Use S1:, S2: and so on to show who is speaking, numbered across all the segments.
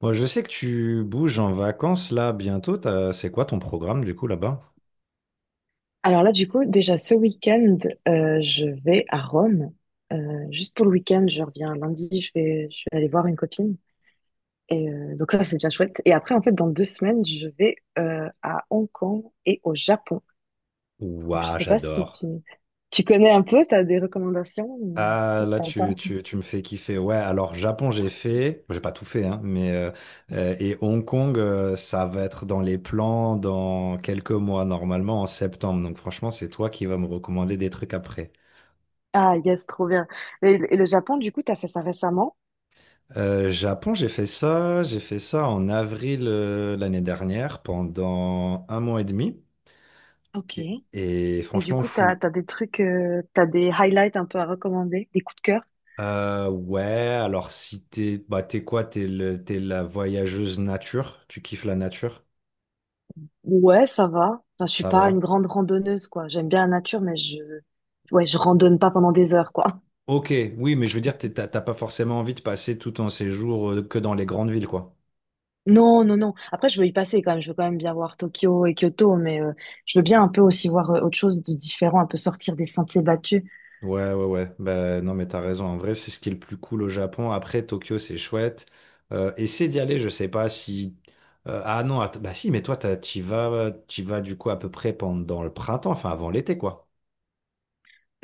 S1: Moi, je sais que tu bouges en vacances là bientôt. C'est quoi ton programme du coup là-bas?
S2: Alors là, du coup, déjà ce week-end, je vais à Rome. Juste pour le week-end, je reviens lundi, je vais aller voir une copine. Donc là, c'est bien chouette. Et après, en fait, dans 2 semaines, je vais à Hong Kong et au Japon. Donc, je
S1: Ouah,
S2: sais pas si
S1: j'adore.
S2: tu connais un peu, tu as des recommandations ou
S1: Ah, là,
S2: t'en pas.
S1: tu me fais kiffer. Ouais, alors Japon, j'ai fait. J'ai pas tout fait, hein, et Hong Kong, ça va être dans les plans dans quelques mois, normalement en septembre. Donc, franchement, c'est toi qui vas me recommander des trucs après.
S2: Ah, yes, trop bien. Et le Japon, du coup, tu as fait ça récemment.
S1: Japon, j'ai fait ça. J'ai fait ça en avril l'année dernière pendant un mois et demi.
S2: Ok. Et
S1: Et
S2: du
S1: franchement,
S2: coup,
S1: fou.
S2: des trucs, tu as des highlights un peu à recommander, des coups de cœur.
S1: Ouais, alors si t'es bah t'es quoi? T'es le t'es la voyageuse nature, tu kiffes la nature,
S2: Ouais, ça va. Enfin, je suis
S1: ça
S2: pas une
S1: va.
S2: grande randonneuse, quoi. J'aime bien la nature, ouais, je randonne pas pendant des heures, quoi.
S1: Ok, oui, mais je veux dire, t'as t'as pas forcément envie de passer tout ton séjour que dans les grandes villes, quoi.
S2: Non, non, non. Après, je veux y passer quand même. Je veux quand même bien voir Tokyo et Kyoto, mais je veux bien un peu aussi voir autre chose de différent, un peu sortir des sentiers battus.
S1: Ouais, ouais, ouais. Bah, non, mais t'as raison. En vrai, c'est ce qui est le plus cool au Japon. Après, Tokyo, c'est chouette. Essaie d'y aller, je sais pas si. Ah non, att- bah si, mais toi, t'y vas du coup à peu près pendant le printemps, enfin avant l'été, quoi.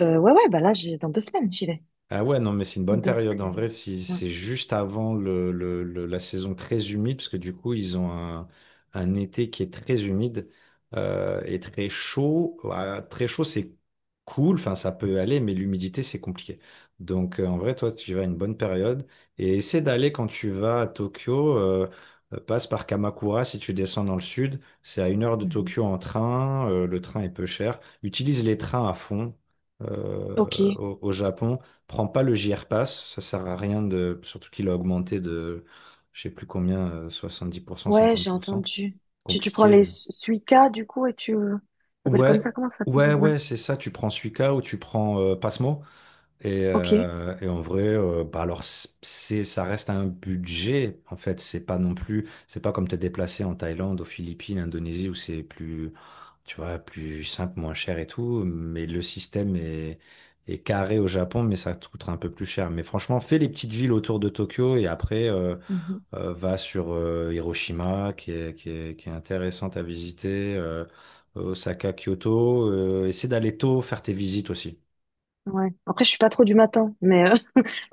S2: Ouais, bah là, j'ai dans 2 semaines, j'y vais.
S1: Ah ouais, non, mais c'est une bonne
S2: Donc,
S1: période.
S2: euh,
S1: En vrai, si
S2: ouais.
S1: c'est juste avant la saison très humide, parce que du coup, un été qui est très humide et très chaud. Voilà, très chaud, c'est cool, enfin, ça peut aller, mais l'humidité, c'est compliqué. Donc, en vrai, toi, tu vas à une bonne période et essaie d'aller quand tu vas à Tokyo. Passe par Kamakura si tu descends dans le sud. C'est à une heure de
S2: Mhm.
S1: Tokyo en train. Le train est peu cher. Utilise les trains à fond euh,
S2: Ok.
S1: au Japon. Prends pas le JR Pass, ça sert à rien de, surtout qu'il a augmenté de, je sais plus combien, soixante-dix pour cent,
S2: Ouais,
S1: cinquante
S2: j'ai
S1: pour cent.
S2: entendu. Tu prends
S1: Compliqué,
S2: les
S1: mais.
S2: Suica, du coup, et tu ça s'appelle comme
S1: Ouais,
S2: ça, comment ça s'appelle?
S1: ouais,
S2: Ouais.
S1: ouais, c'est ça. Tu prends Suica ou tu prends Passmo. Et,
S2: Ok.
S1: euh, et en vrai, bah alors ça reste un budget en fait. C'est pas non plus, c'est pas comme te déplacer en Thaïlande, aux Philippines, Indonésie où c'est plus, tu vois, plus simple, moins cher et tout. Mais est carré au Japon, mais ça te coûtera un peu plus cher. Mais franchement, fais les petites villes autour de Tokyo et après,
S2: Mhm.
S1: va sur Hiroshima, qui est intéressante à visiter, Osaka, Kyoto. Essaie d'aller tôt, faire tes visites aussi.
S2: Ouais. Après, je suis pas trop du matin, mais.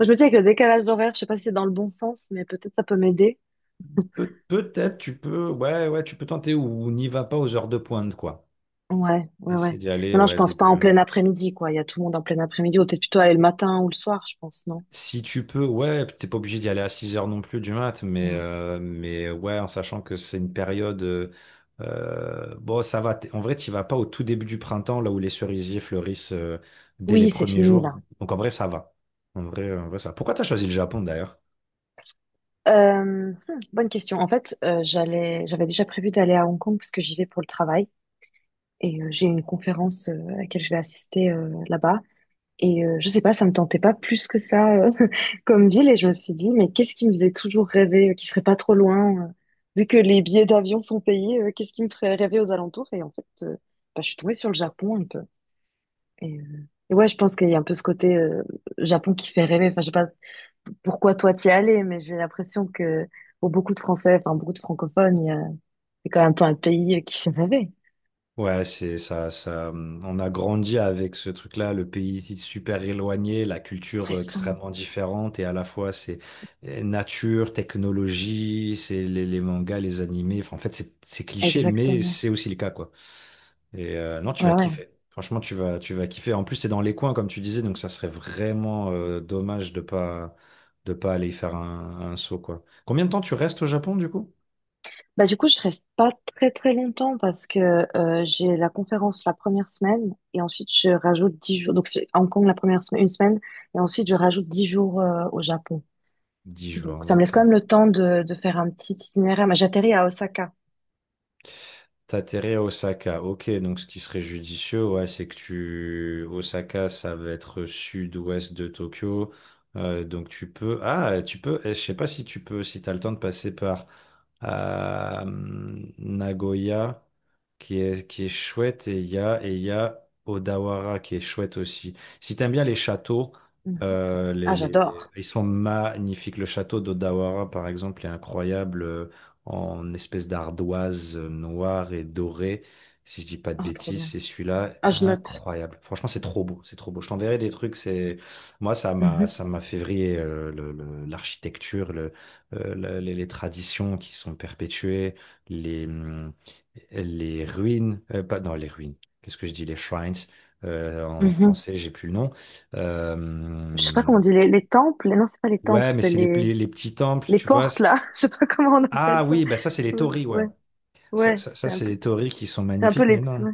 S2: Je me dis avec le décalage horaire, je sais pas si c'est dans le bon sens, mais peut-être ça peut m'aider.
S1: Peut-être tu peux, ouais, ouais, tu peux tenter ou n'y va pas aux heures de pointe, quoi.
S2: Ouais, ouais,
S1: Essaie
S2: ouais.
S1: d'y aller,
S2: Non, non, je
S1: ouais,
S2: pense pas en
S1: début.
S2: plein après-midi, quoi. Il y a tout le monde en plein après-midi. Ou peut-être plutôt aller le matin ou le soir, je pense, non?
S1: Si tu peux, ouais, t'es pas obligé d'y aller à 6 heures non plus du mat,
S2: Ouais.
S1: mais ouais, en sachant que c'est une période. Bon, ça va. En vrai, tu vas pas au tout début du printemps, là où les cerisiers fleurissent dès les
S2: Oui, c'est
S1: premiers
S2: fini,
S1: jours.
S2: là.
S1: Donc en vrai, ça va. En vrai, ça va. Pourquoi t'as choisi le Japon d'ailleurs?
S2: Euh, hmm, bonne question. En fait, j'avais déjà prévu d'aller à Hong Kong parce que j'y vais pour le travail. J'ai une conférence à laquelle je vais assister là-bas. Je sais pas, ça me tentait pas plus que ça comme ville. Et je me suis dit, mais qu'est-ce qui me faisait toujours rêver, qui serait pas trop loin, vu que les billets d'avion sont payés, qu'est-ce qui me ferait rêver aux alentours? Et en fait, bah, je suis tombée sur le Japon un peu. Et ouais, je pense qu'il y a un peu ce côté Japon qui fait rêver. Enfin, je sais pas pourquoi toi t'y es allé, mais j'ai l'impression que pour beaucoup de Français, enfin beaucoup de francophones, c'est quand même un peu un pays qui fait rêver.
S1: Ouais, c'est ça, ça. On a grandi avec ce truc-là, le pays super éloigné, la
S2: C'est
S1: culture
S2: ça,
S1: extrêmement différente, et à la fois c'est nature, technologie, c'est les mangas, les animés. Enfin, en fait, c'est cliché, mais
S2: exactement.
S1: c'est aussi le cas, quoi. Et non, tu
S2: Ouais,
S1: vas
S2: ouais.
S1: kiffer. Franchement, tu vas kiffer. En plus, c'est dans les coins, comme tu disais, donc ça serait vraiment dommage de pas aller y faire un saut, quoi. Combien de temps tu restes au Japon, du coup?
S2: Bah, du coup, je reste pas très très longtemps parce que j'ai la conférence la première semaine et ensuite je rajoute 10 jours. Donc, c'est à Hong Kong la première semaine, une semaine et ensuite je rajoute 10 jours au Japon.
S1: Dix
S2: Donc,
S1: jours,
S2: ça me laisse
S1: ok.
S2: quand même le temps de faire un petit itinéraire. Mais j'atterris à Osaka.
S1: T'atterris à Osaka. Ok, donc ce qui serait judicieux, ouais, c'est que tu... Osaka, ça va être sud-ouest de Tokyo. Donc tu peux... Ah, tu peux... Je sais pas si tu peux, si t'as le temps de passer par euh, Nagoya, qui est chouette, et et il y a Odawara, qui est chouette aussi. Si t'aimes bien les châteaux,
S2: Mhm. Ah, j'adore.
S1: ils sont magnifiques. Le château d'Odawara, par exemple, est incroyable. En espèce d'ardoise noire et dorée. Si je dis pas de
S2: Ah, trop
S1: bêtises,
S2: bien.
S1: c'est celui-là,
S2: Ah, je note.
S1: incroyable. Franchement, c'est trop beau, c'est trop beau. Je t'enverrai des trucs. C'est moi,
S2: Mhm,
S1: ça m'a fait vriller l'architecture, les traditions qui sont perpétuées, les hum, les ruines, pas non les ruines. Qu'est-ce que je dis, les shrines en
S2: mhm.
S1: français, j'ai plus le nom.
S2: Je sais pas
S1: Euh,
S2: comment on dit, les temples. Non, c'est pas les
S1: ouais,
S2: temples,
S1: mais
S2: c'est
S1: c'est les petits temples,
S2: les
S1: tu vois.
S2: portes là. Je sais pas comment on appelle
S1: Ah
S2: ça.
S1: oui, bah ça c'est les
S2: Ouais,
S1: torii, ouais.
S2: ouais, ouais.
S1: Ça, c'est des théories qui sont
S2: C'est un peu
S1: magnifiques, mais
S2: les.
S1: non.
S2: Ouais.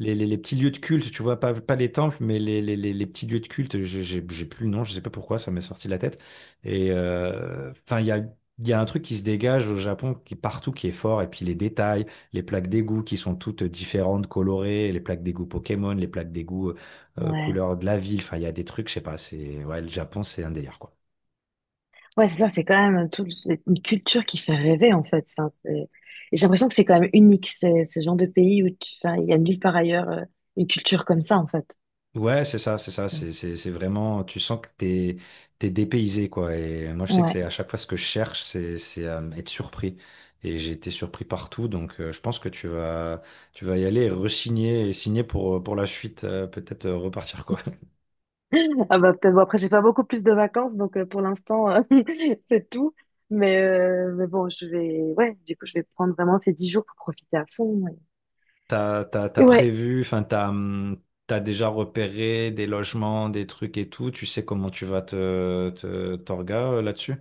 S1: Les, les petits lieux de culte, tu vois, pas les temples, mais les petits lieux de culte, j'ai plus le nom, je sais pas pourquoi, ça m'est sorti de la tête. Et enfin, il y a un truc qui se dégage au Japon, qui est partout, qui est fort, et puis les détails, les plaques d'égout qui sont toutes différentes, colorées, les plaques d'égout Pokémon, les plaques d'égout
S2: Ouais.
S1: couleur de la ville, enfin, il y a des trucs, je sais pas, ouais, le Japon, c'est un délire, quoi.
S2: Ouais, c'est ça, c'est quand même tout, c'est une culture qui fait rêver, en fait. Et j'ai l'impression que c'est quand même unique, c'est ce genre de pays où tu, enfin, il y a nulle part ailleurs une culture comme ça, en fait.
S1: Ouais, c'est ça, c'est ça, c'est vraiment, tu sens que t'es dépaysé quoi. Et moi, je sais que
S2: Ouais.
S1: c'est à chaque fois ce que je cherche, c'est être surpris. Et j'ai été surpris partout, donc je pense que tu vas y aller, et re-signer et signer pour la suite, peut-être repartir quoi.
S2: Ah bah peut-être, bon, après, j'ai pas beaucoup plus de vacances, donc pour l'instant, c'est tout. Mais bon, ouais, du coup, je vais prendre vraiment ces 10 jours pour profiter à fond. Ouais.
S1: T'as
S2: Et ouais,
S1: prévu, t'as déjà repéré des logements, des trucs et tout. Tu sais comment tu vas te te t'orga là-dessus?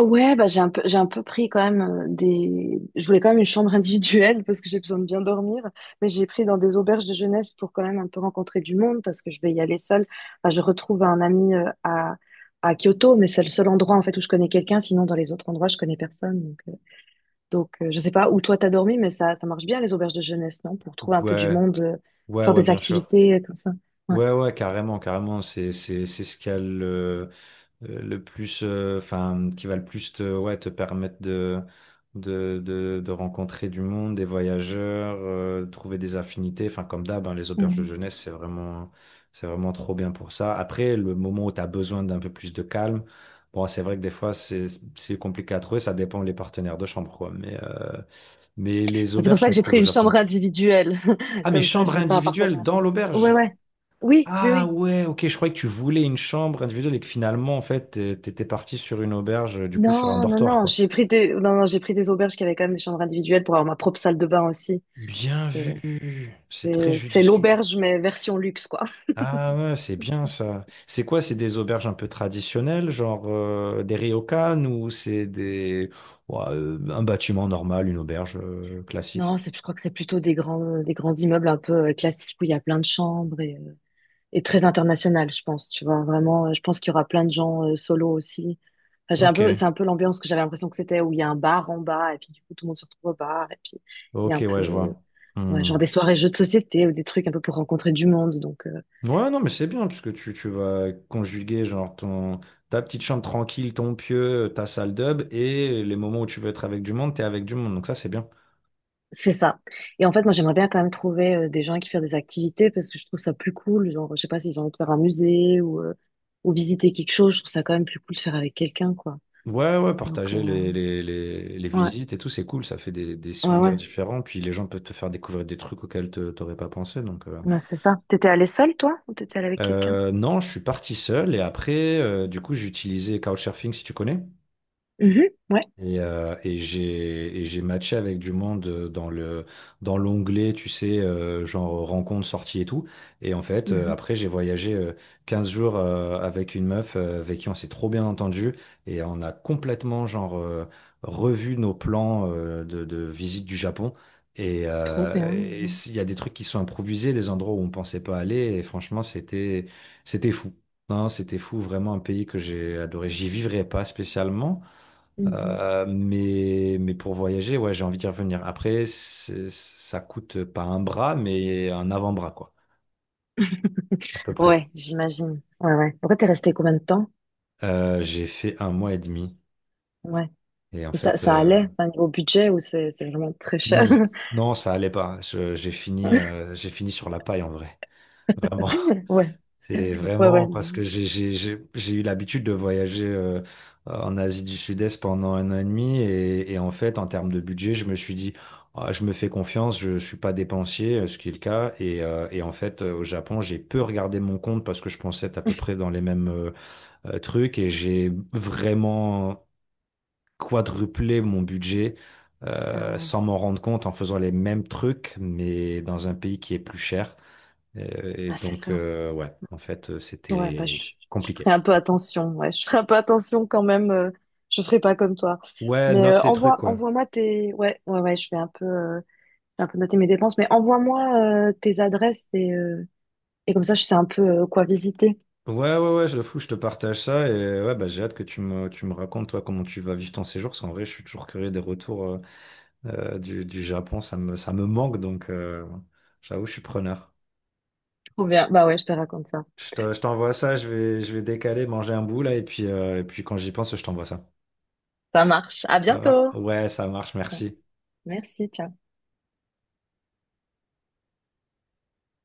S2: ouais, bah, j'ai un peu pris quand même des. Je voulais quand même une chambre individuelle parce que j'ai besoin de bien dormir, mais j'ai pris dans des auberges de jeunesse pour quand même un peu rencontrer du monde parce que je vais y aller seule. Enfin, je retrouve un ami à Kyoto, mais c'est le seul endroit en fait où je connais quelqu'un. Sinon, dans les autres endroits, je connais personne. Je sais pas où toi t'as dormi, mais ça marche bien les auberges de jeunesse, non? Pour trouver un peu du
S1: Ouais,
S2: monde,
S1: ouais,
S2: faire
S1: ouais,
S2: des
S1: bien sûr.
S2: activités comme ça.
S1: Ouais, ouais, carrément, carrément. C'est ce qu'il y a le plus, enfin, qui va le plus te, ouais, te permettre de rencontrer du monde, des voyageurs, trouver des affinités. Enfin, comme d'hab, hein, les
S2: Ouais.
S1: auberges de jeunesse, c'est vraiment trop bien pour ça. Après, le moment où tu as besoin d'un peu plus de calme, bon, c'est vrai que des fois, c'est compliqué à trouver. Ça dépend des partenaires de chambre, quoi. Mais les
S2: C'est pour
S1: auberges
S2: ça
S1: sont
S2: que j'ai
S1: cool
S2: pris
S1: au
S2: une chambre
S1: Japon.
S2: individuelle.
S1: Ah, mais
S2: Comme ça,
S1: chambre
S2: j'ai pas à partager
S1: individuelle
S2: ma
S1: dans
S2: chambre. Ouais,
S1: l'auberge?
S2: ouais. Oui, mais
S1: Ah
S2: oui.
S1: ouais, ok, je croyais que tu voulais une chambre individuelle et que finalement, en fait, t'étais parti sur une auberge, du coup, sur un
S2: Non, non,
S1: dortoir,
S2: non.
S1: quoi.
S2: J'ai pris des, non, non, j'ai pris des auberges qui avaient quand même des chambres individuelles pour avoir ma propre salle de bain aussi.
S1: Bien
S2: C'est
S1: vu, c'est
S2: c'est-
S1: très
S2: c'est
S1: judicieux.
S2: l'auberge, mais version luxe, quoi.
S1: Ah ouais, c'est bien ça. C'est quoi? C'est des auberges un peu traditionnelles, genre des ryokan ou c'est des ouais, un bâtiment normal, une auberge classique?
S2: Non, c'est, je crois que c'est plutôt des grands immeubles un peu classiques où il y a plein de chambres et très international, je pense. Tu vois, vraiment, je pense qu'il y aura plein de gens solo aussi. Enfin, j'ai un
S1: Ok,
S2: peu, c'est un peu l'ambiance que j'avais l'impression que c'était où il y a un bar en bas et puis du coup tout le monde se retrouve au bar et puis il y a
S1: ok,
S2: un
S1: ouais, je
S2: peu.
S1: vois.
S2: Ouais,
S1: Hmm.
S2: genre des soirées jeux de société ou des trucs un peu pour rencontrer du monde.
S1: Ouais, non, mais c'est bien, parce que tu vas conjuguer genre ta petite chambre tranquille, ton pieu, ta salle d'hub, et les moments où tu veux être avec du monde, t'es avec du monde, donc ça c'est bien.
S2: C'est ça. Et en fait, moi, j'aimerais bien quand même trouver des gens qui font des activités parce que je trouve ça plus cool. Genre, je sais pas si j'ai envie de faire un musée ou visiter quelque chose. Je trouve ça quand même plus cool de faire avec quelqu'un, quoi.
S1: Ouais, ouais,
S2: Donc, euh,
S1: partager les
S2: ouais,
S1: visites et tout, c'est cool, ça fait des
S2: ouais, ouais,
S1: souvenirs différents, puis les gens peuvent te faire découvrir des trucs auxquels t'aurais pas pensé, donc...
S2: Ouais, c'est ça. T'étais allée seule, toi, ou t'étais allée avec quelqu'un?
S1: Non, je suis parti seul, et après, du coup, j'utilisais Couchsurfing, si tu connais.
S2: Mhm, ouais.
S1: Et, euh, et j'ai matché avec du monde dans l'onglet, tu sais, genre rencontre, sortie et tout. Et en fait,
S2: Mhm.
S1: après, j'ai voyagé 15 jours avec une meuf avec qui on s'est trop bien entendu et on a complètement genre revu nos plans de visite du Japon.
S2: Trop bien.
S1: Et
S2: Mhm.
S1: s'il y a des trucs qui sont improvisés, des endroits où on pensait pas aller. Et franchement, c'était fou. Non, c'était fou, vraiment un pays que j'ai adoré. J'y vivrais pas spécialement.
S2: Mhm.
S1: Mais pour voyager, ouais, j'ai envie d'y revenir. Après, ça coûte pas un bras, mais un avant-bras, quoi, à peu près.
S2: Ouais, j'imagine. Ouais, ouais. Pourquoi t'es resté combien de temps?
S1: J'ai fait un mois et demi.
S2: Ouais.
S1: Et en
S2: Et ça,
S1: fait,
S2: ça allait, enfin, niveau budget ou c'est vraiment très cher?
S1: non, non, ça allait pas. J'ai fini, j'ai fini sur la paille en vrai. Vraiment.
S2: Ouais,
S1: C'est
S2: ouais, ouais.
S1: vraiment parce que j'ai eu l'habitude de voyager en Asie du Sud-Est pendant un an et demi et en fait, en termes de budget, je me suis dit, Ah, je me fais confiance, je suis pas dépensier, ce qui est le cas. Et, en fait, au Japon, j'ai peu regardé mon compte parce que je pensais être à peu près dans les mêmes trucs et j'ai vraiment quadruplé mon budget
S2: Ah ouais,
S1: sans m'en rendre compte en faisant les mêmes trucs, mais dans un pays qui est plus cher.
S2: ah, c'est
S1: Donc,
S2: ça.
S1: ouais, en fait,
S2: Ouais,
S1: c'était
S2: je ferai
S1: compliqué.
S2: un peu attention. Ouais, je ferai un peu attention quand même. Je ferai pas comme toi.
S1: Ouais,
S2: Mais
S1: note tes trucs, quoi.
S2: envoie-moi tes. Ouais, ouais, ouais, je vais un peu noter mes dépenses. Mais envoie-moi tes adresses et comme ça, je sais un peu quoi visiter.
S1: Ouais, ouais, ouais, je le fous, je te partage ça. Et ouais, bah, j'ai hâte que tu me racontes, toi, comment tu vas vivre ton séjour. Parce qu'en vrai, je suis toujours curieux des retours du Japon. Ça me manque, donc j'avoue, je suis preneur.
S2: Trop bien. Bah ouais, je te raconte ça.
S1: Je t'envoie ça, je vais décaler, manger un bout, là. Et puis quand j'y pense, je t'envoie ça.
S2: Ça marche. À
S1: Ça va?
S2: bientôt.
S1: Ouais, ça marche, merci.
S2: Merci, ciao.